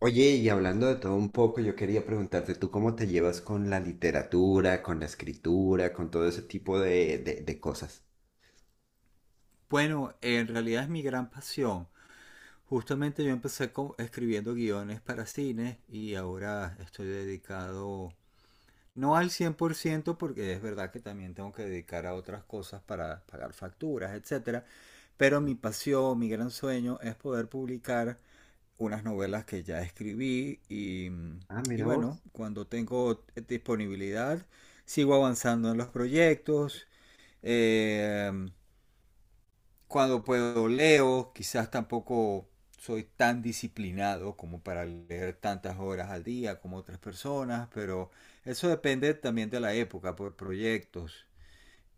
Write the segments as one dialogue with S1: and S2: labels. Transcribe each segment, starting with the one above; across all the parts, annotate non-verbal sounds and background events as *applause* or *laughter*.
S1: Oye, y hablando de todo un poco, yo quería preguntarte, ¿tú cómo te llevas con la literatura, con la escritura, con todo ese tipo de cosas?
S2: Bueno, en realidad es mi gran pasión. Justamente yo empecé escribiendo guiones para cine y ahora estoy dedicado, no al 100% porque es verdad que también tengo que dedicar a otras cosas para pagar facturas, etcétera. Pero mi pasión, mi gran sueño es poder publicar unas novelas que ya escribí y,
S1: Ah,
S2: y
S1: mira
S2: bueno,
S1: vos.
S2: cuando tengo disponibilidad, sigo avanzando en los proyectos. Eh, Cuando puedo leo, quizás tampoco soy tan disciplinado como para leer tantas horas al día como otras personas, pero eso depende también de la época, por proyectos.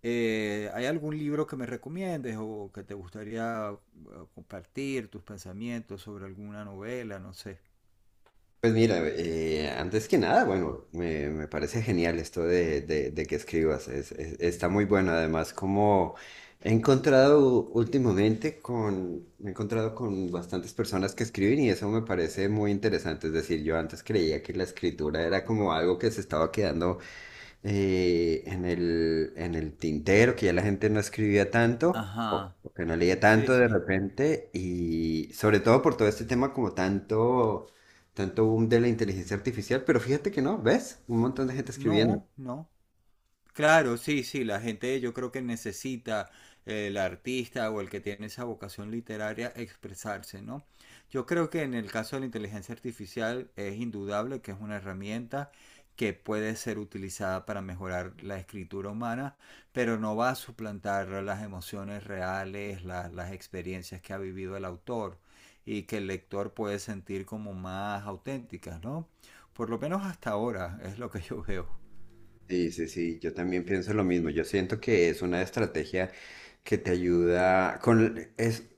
S2: ¿Hay algún libro que me recomiendes o que te gustaría compartir tus pensamientos sobre alguna novela? No sé.
S1: Pues mira, antes que nada, bueno, me parece genial esto de que escribas, está muy bueno. Además, como he encontrado últimamente con, me he encontrado con bastantes personas que escriben y eso me parece muy interesante. Es decir, yo antes creía que la escritura era como algo que se estaba quedando en el tintero, que ya la gente no escribía tanto,
S2: Ajá.
S1: o que no leía
S2: Sí,
S1: tanto de
S2: sí.
S1: repente, y sobre todo por todo este tema como tanto boom de la inteligencia artificial, pero fíjate que no, ¿ves? Un montón de gente escribiendo.
S2: No, no. Claro, sí, sí, la gente yo creo que necesita el artista o el que tiene esa vocación literaria expresarse, ¿no? Yo creo que en el caso de la inteligencia artificial es indudable que es una herramienta que puede ser utilizada para mejorar la escritura humana, pero no va a suplantar las emociones reales, las experiencias que ha vivido el autor y que el lector puede sentir como más auténticas, ¿no? Por lo menos hasta ahora es lo que yo veo.
S1: Sí, sí, sí, yo también pienso lo mismo. Yo siento que es una estrategia que te ayuda con es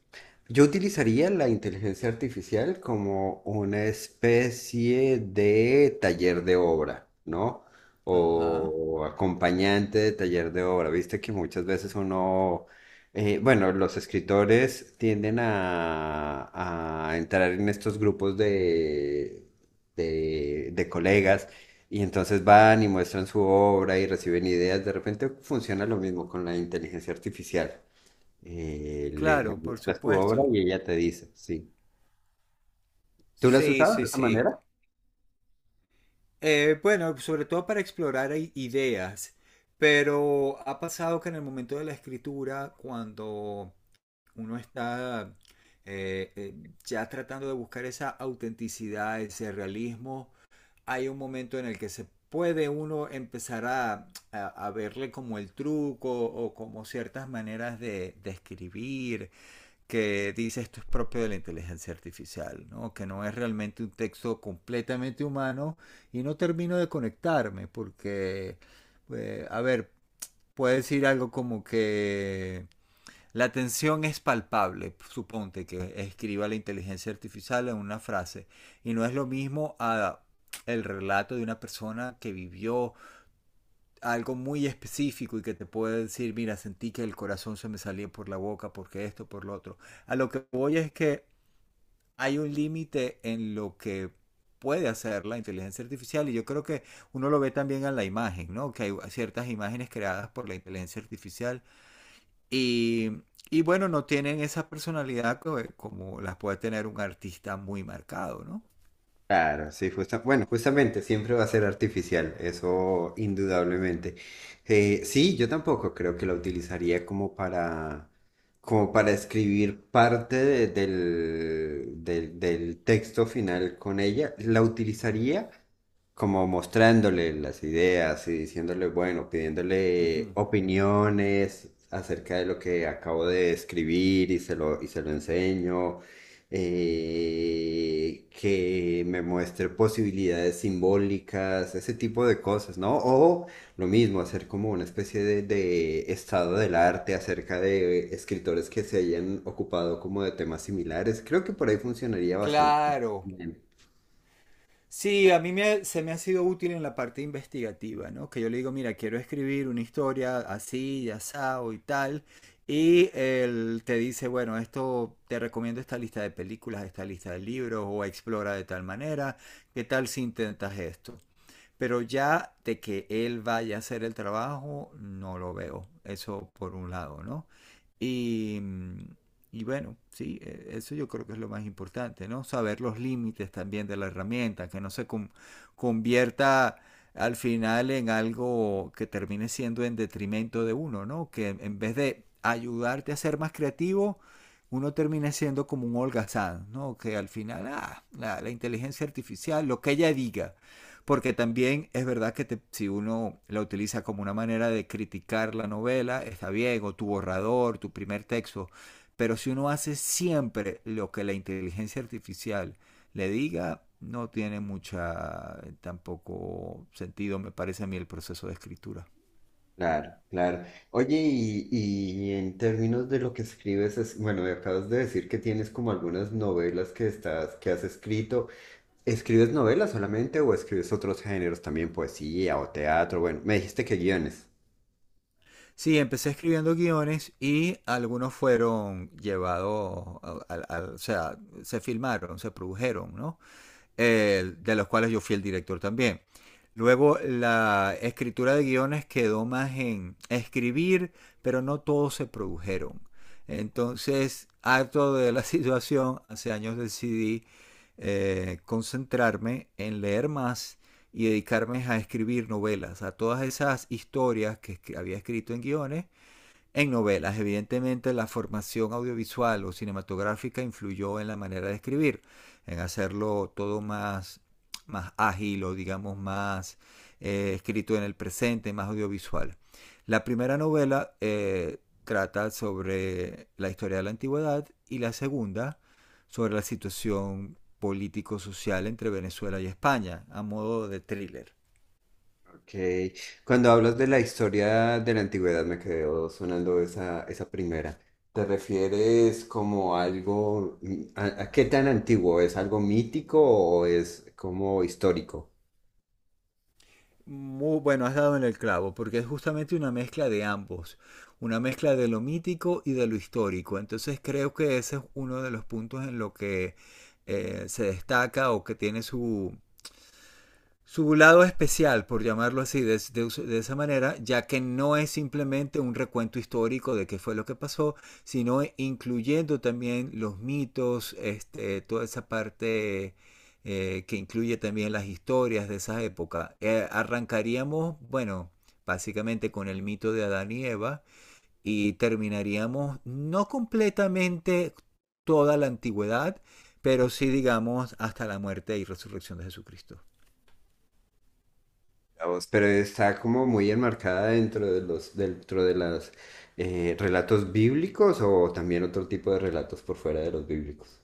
S1: yo utilizaría la inteligencia artificial como una especie de taller de obra, ¿no?
S2: Ajá.
S1: O acompañante de taller de obra. Viste que muchas veces uno bueno, los escritores tienden a entrar en estos grupos de colegas y entonces van y muestran su obra y reciben ideas. De repente funciona lo mismo con la inteligencia artificial. Le
S2: Claro, por
S1: muestras tu obra
S2: supuesto.
S1: y ella te dice, sí. ¿Tú la has
S2: Sí,
S1: usado
S2: sí,
S1: de esa
S2: sí.
S1: manera?
S2: Bueno, sobre todo para explorar ideas, pero ha pasado que en el momento de la escritura, cuando uno está eh, eh, ya tratando de buscar esa autenticidad, ese realismo, hay un momento en el que se puede uno empezar a verle como el truco o como ciertas maneras de escribir que dice esto es propio de la inteligencia artificial, ¿no? Que no es realmente un texto completamente humano y no termino de conectarme porque, a ver, puede decir algo como que la tensión es palpable, suponte que escriba la inteligencia artificial en una frase y no es lo mismo a el relato de una persona que vivió algo muy específico y que te puede decir, mira, sentí que el corazón se me salía por la boca porque esto, por lo otro. A lo que voy es que hay un límite en lo que puede hacer la inteligencia artificial y yo creo que uno lo ve también en la imagen, ¿no? Que hay ciertas imágenes creadas por la inteligencia artificial y, y bueno, no tienen esa personalidad como, como las puede tener un artista muy marcado, ¿no?
S1: Claro, sí, bueno, justamente siempre va a ser artificial, eso indudablemente. Sí, yo tampoco creo que la utilizaría como para escribir parte del texto final con ella. La utilizaría como mostrándole las ideas y diciéndole, bueno, pidiéndole
S2: Ujú.
S1: opiniones acerca de lo que acabo de escribir y y se lo enseño, que me muestre posibilidades simbólicas, ese tipo de cosas, ¿no? O lo mismo, hacer como una especie de estado del arte acerca de escritores que se hayan ocupado como de temas similares. Creo que por ahí funcionaría bastante
S2: Claro,
S1: bien.
S2: sí, a mí me, se me ha sido útil en la parte investigativa, ¿no? Que yo le digo, mira, quiero escribir una historia así, ya asado y tal. Y él te dice, bueno, esto te recomiendo esta lista de películas, esta lista de libros, o explora de tal manera, ¿qué tal si intentas esto? Pero ya de que él vaya a hacer el trabajo, no lo veo. Eso por un lado, ¿no? Y, y bueno, sí, eso yo creo que es lo más importante, ¿no? Saber los límites también de la herramienta, que no se convierta al final en algo que termine siendo en detrimento de uno, ¿no? Que en vez de ayudarte a ser más creativo, uno termina siendo como un holgazán, ¿no? Que al final, ah, la inteligencia artificial, lo que ella diga, porque también es verdad que te, si uno la utiliza como una manera de criticar la novela, está bien, o tu borrador, tu primer texto, pero si uno hace siempre lo que la inteligencia artificial le diga, no tiene mucha tampoco sentido, me parece a mí, el proceso de escritura.
S1: Claro, claro. Oye, y en términos de lo que escribes, es, bueno, me acabas de decir que tienes como algunas novelas que que has escrito. ¿Escribes novelas solamente o escribes otros géneros también, poesía o teatro? Bueno, me dijiste que guiones.
S2: Sí, empecé escribiendo guiones y algunos fueron llevados, o sea, se filmaron, se produjeron, ¿no? De los cuales yo fui el director también. Luego la escritura de guiones quedó más en escribir, pero no todos se produjeron. Entonces, harto de la *laughs* situación, hace años decidí concentrarme en leer más y dedicarme a escribir novelas, a todas esas historias que había escrito en guiones, en novelas. Evidentemente la formación audiovisual o cinematográfica influyó en la manera de escribir, en hacerlo todo más, más ágil o digamos más escrito en el presente, más audiovisual. La primera novela trata sobre la historia de la antigüedad y la segunda sobre la situación político-social entre Venezuela y España, a modo de thriller.
S1: Ok. Cuando hablas de la historia de la antigüedad, me quedó sonando esa, esa primera. ¿Te refieres como algo, a qué tan antiguo? ¿Es algo mítico o es como histórico?
S2: Muy bueno, has dado en el clavo, porque es justamente una mezcla de ambos, una mezcla de lo mítico y de lo histórico. Entonces creo que ese es uno de los puntos en lo que se destaca o que tiene su, su lado especial, por llamarlo así, de esa manera, ya que no es simplemente un recuento histórico de qué fue lo que pasó, sino incluyendo también los mitos, este, toda esa parte que incluye también las historias de esa época. Arrancaríamos, bueno, básicamente con el mito de Adán y Eva y terminaríamos no completamente toda la antigüedad, pero sí digamos hasta la muerte y resurrección de Jesucristo.
S1: La voz, pero está como muy enmarcada dentro de dentro de las relatos bíblicos o también otro tipo de relatos por fuera de los bíblicos.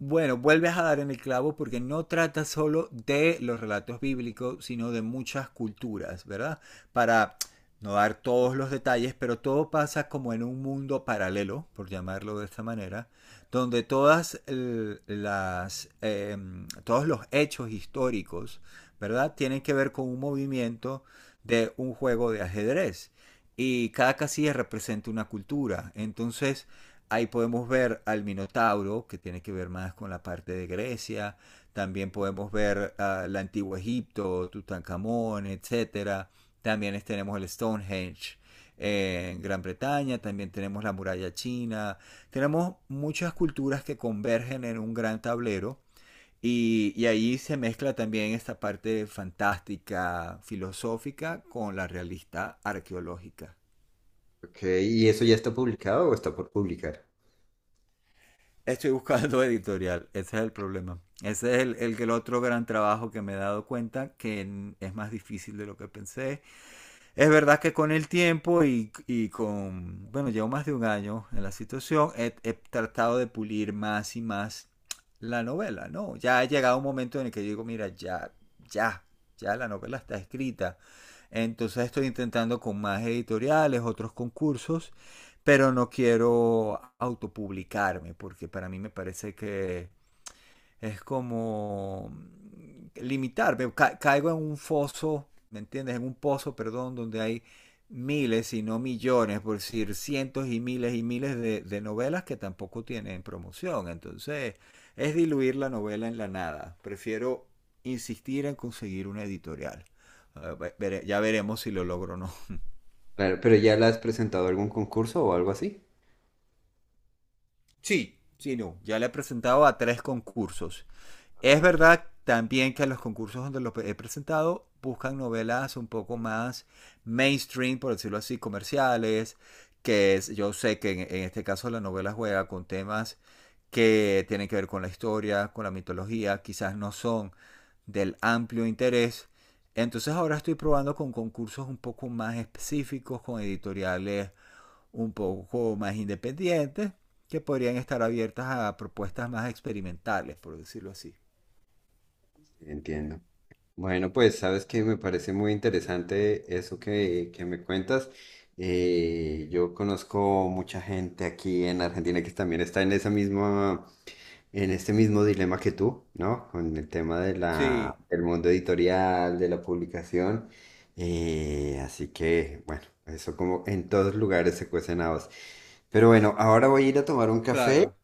S2: Bueno, vuelves a dar en el clavo porque no trata solo de los relatos bíblicos, sino de muchas culturas, ¿verdad? Para no dar todos los detalles, pero todo pasa como en un mundo paralelo, por llamarlo de esta manera, donde todas las, todos los hechos históricos, ¿verdad? Tienen que ver con un movimiento de un juego de ajedrez y cada casilla representa una cultura. Entonces, ahí podemos ver al Minotauro, que tiene que ver más con la parte de Grecia. También podemos ver el antiguo Egipto, Tutankamón, etcétera. También tenemos el Stonehenge en Gran Bretaña, también tenemos la muralla china. Tenemos muchas culturas que convergen en un gran tablero y, ahí se mezcla también esta parte fantástica, filosófica, con la realista arqueológica.
S1: Ok, ¿y eso ya está publicado o está por publicar?
S2: Estoy buscando *laughs* editorial, ese es el problema. Ese es el otro gran trabajo que me he dado cuenta que es más difícil de lo que pensé. Es verdad que con el tiempo y con, bueno, llevo más de un año en la situación, he tratado de pulir más y más la novela, ¿no? Ya ha llegado un momento en el que digo, mira, ya, ya, ya la novela está escrita. Entonces estoy intentando con más editoriales, otros concursos, pero no quiero autopublicarme porque para mí me parece que es como limitarme, ca caigo en un foso, ¿me entiendes? En un pozo, perdón, donde hay miles y no millones, por decir cientos y miles de novelas que tampoco tienen promoción. Entonces, es diluir la novela en la nada. Prefiero insistir en conseguir una editorial. Ya veremos si lo logro o no.
S1: Claro, pero ¿ya la has presentado a algún concurso o algo así?
S2: Sí. Sí, no. Ya le he presentado a 3 concursos. Es
S1: Sí.
S2: verdad también que los concursos donde lo he presentado buscan novelas un poco más mainstream, por decirlo así, comerciales, que es, yo sé que en este caso la novela juega con temas que tienen que ver con la historia, con la mitología, quizás no son del amplio interés. Entonces ahora estoy probando con concursos un poco más específicos, con editoriales un poco más independientes, que podrían estar abiertas a propuestas más experimentales, por decirlo así.
S1: Entiendo. Bueno, pues sabes que me parece muy interesante eso que me cuentas. Yo conozco mucha gente aquí en Argentina que también está en esa misma en este mismo dilema que tú, ¿no? Con el tema de la,
S2: Sí,
S1: del mundo editorial, de la publicación. Así que, bueno, eso como en todos lugares se cuecen habas. Pero bueno, ahora voy a ir a tomar un café
S2: claro.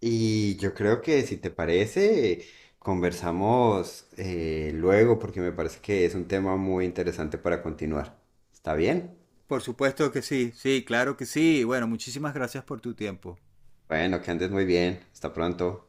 S1: y yo creo que si te parece, conversamos luego porque me parece que es un tema muy interesante para continuar. ¿Está bien?
S2: Por supuesto que sí, sí, claro que sí. Bueno, muchísimas gracias por tu tiempo.
S1: Bueno, que andes muy bien. Hasta pronto.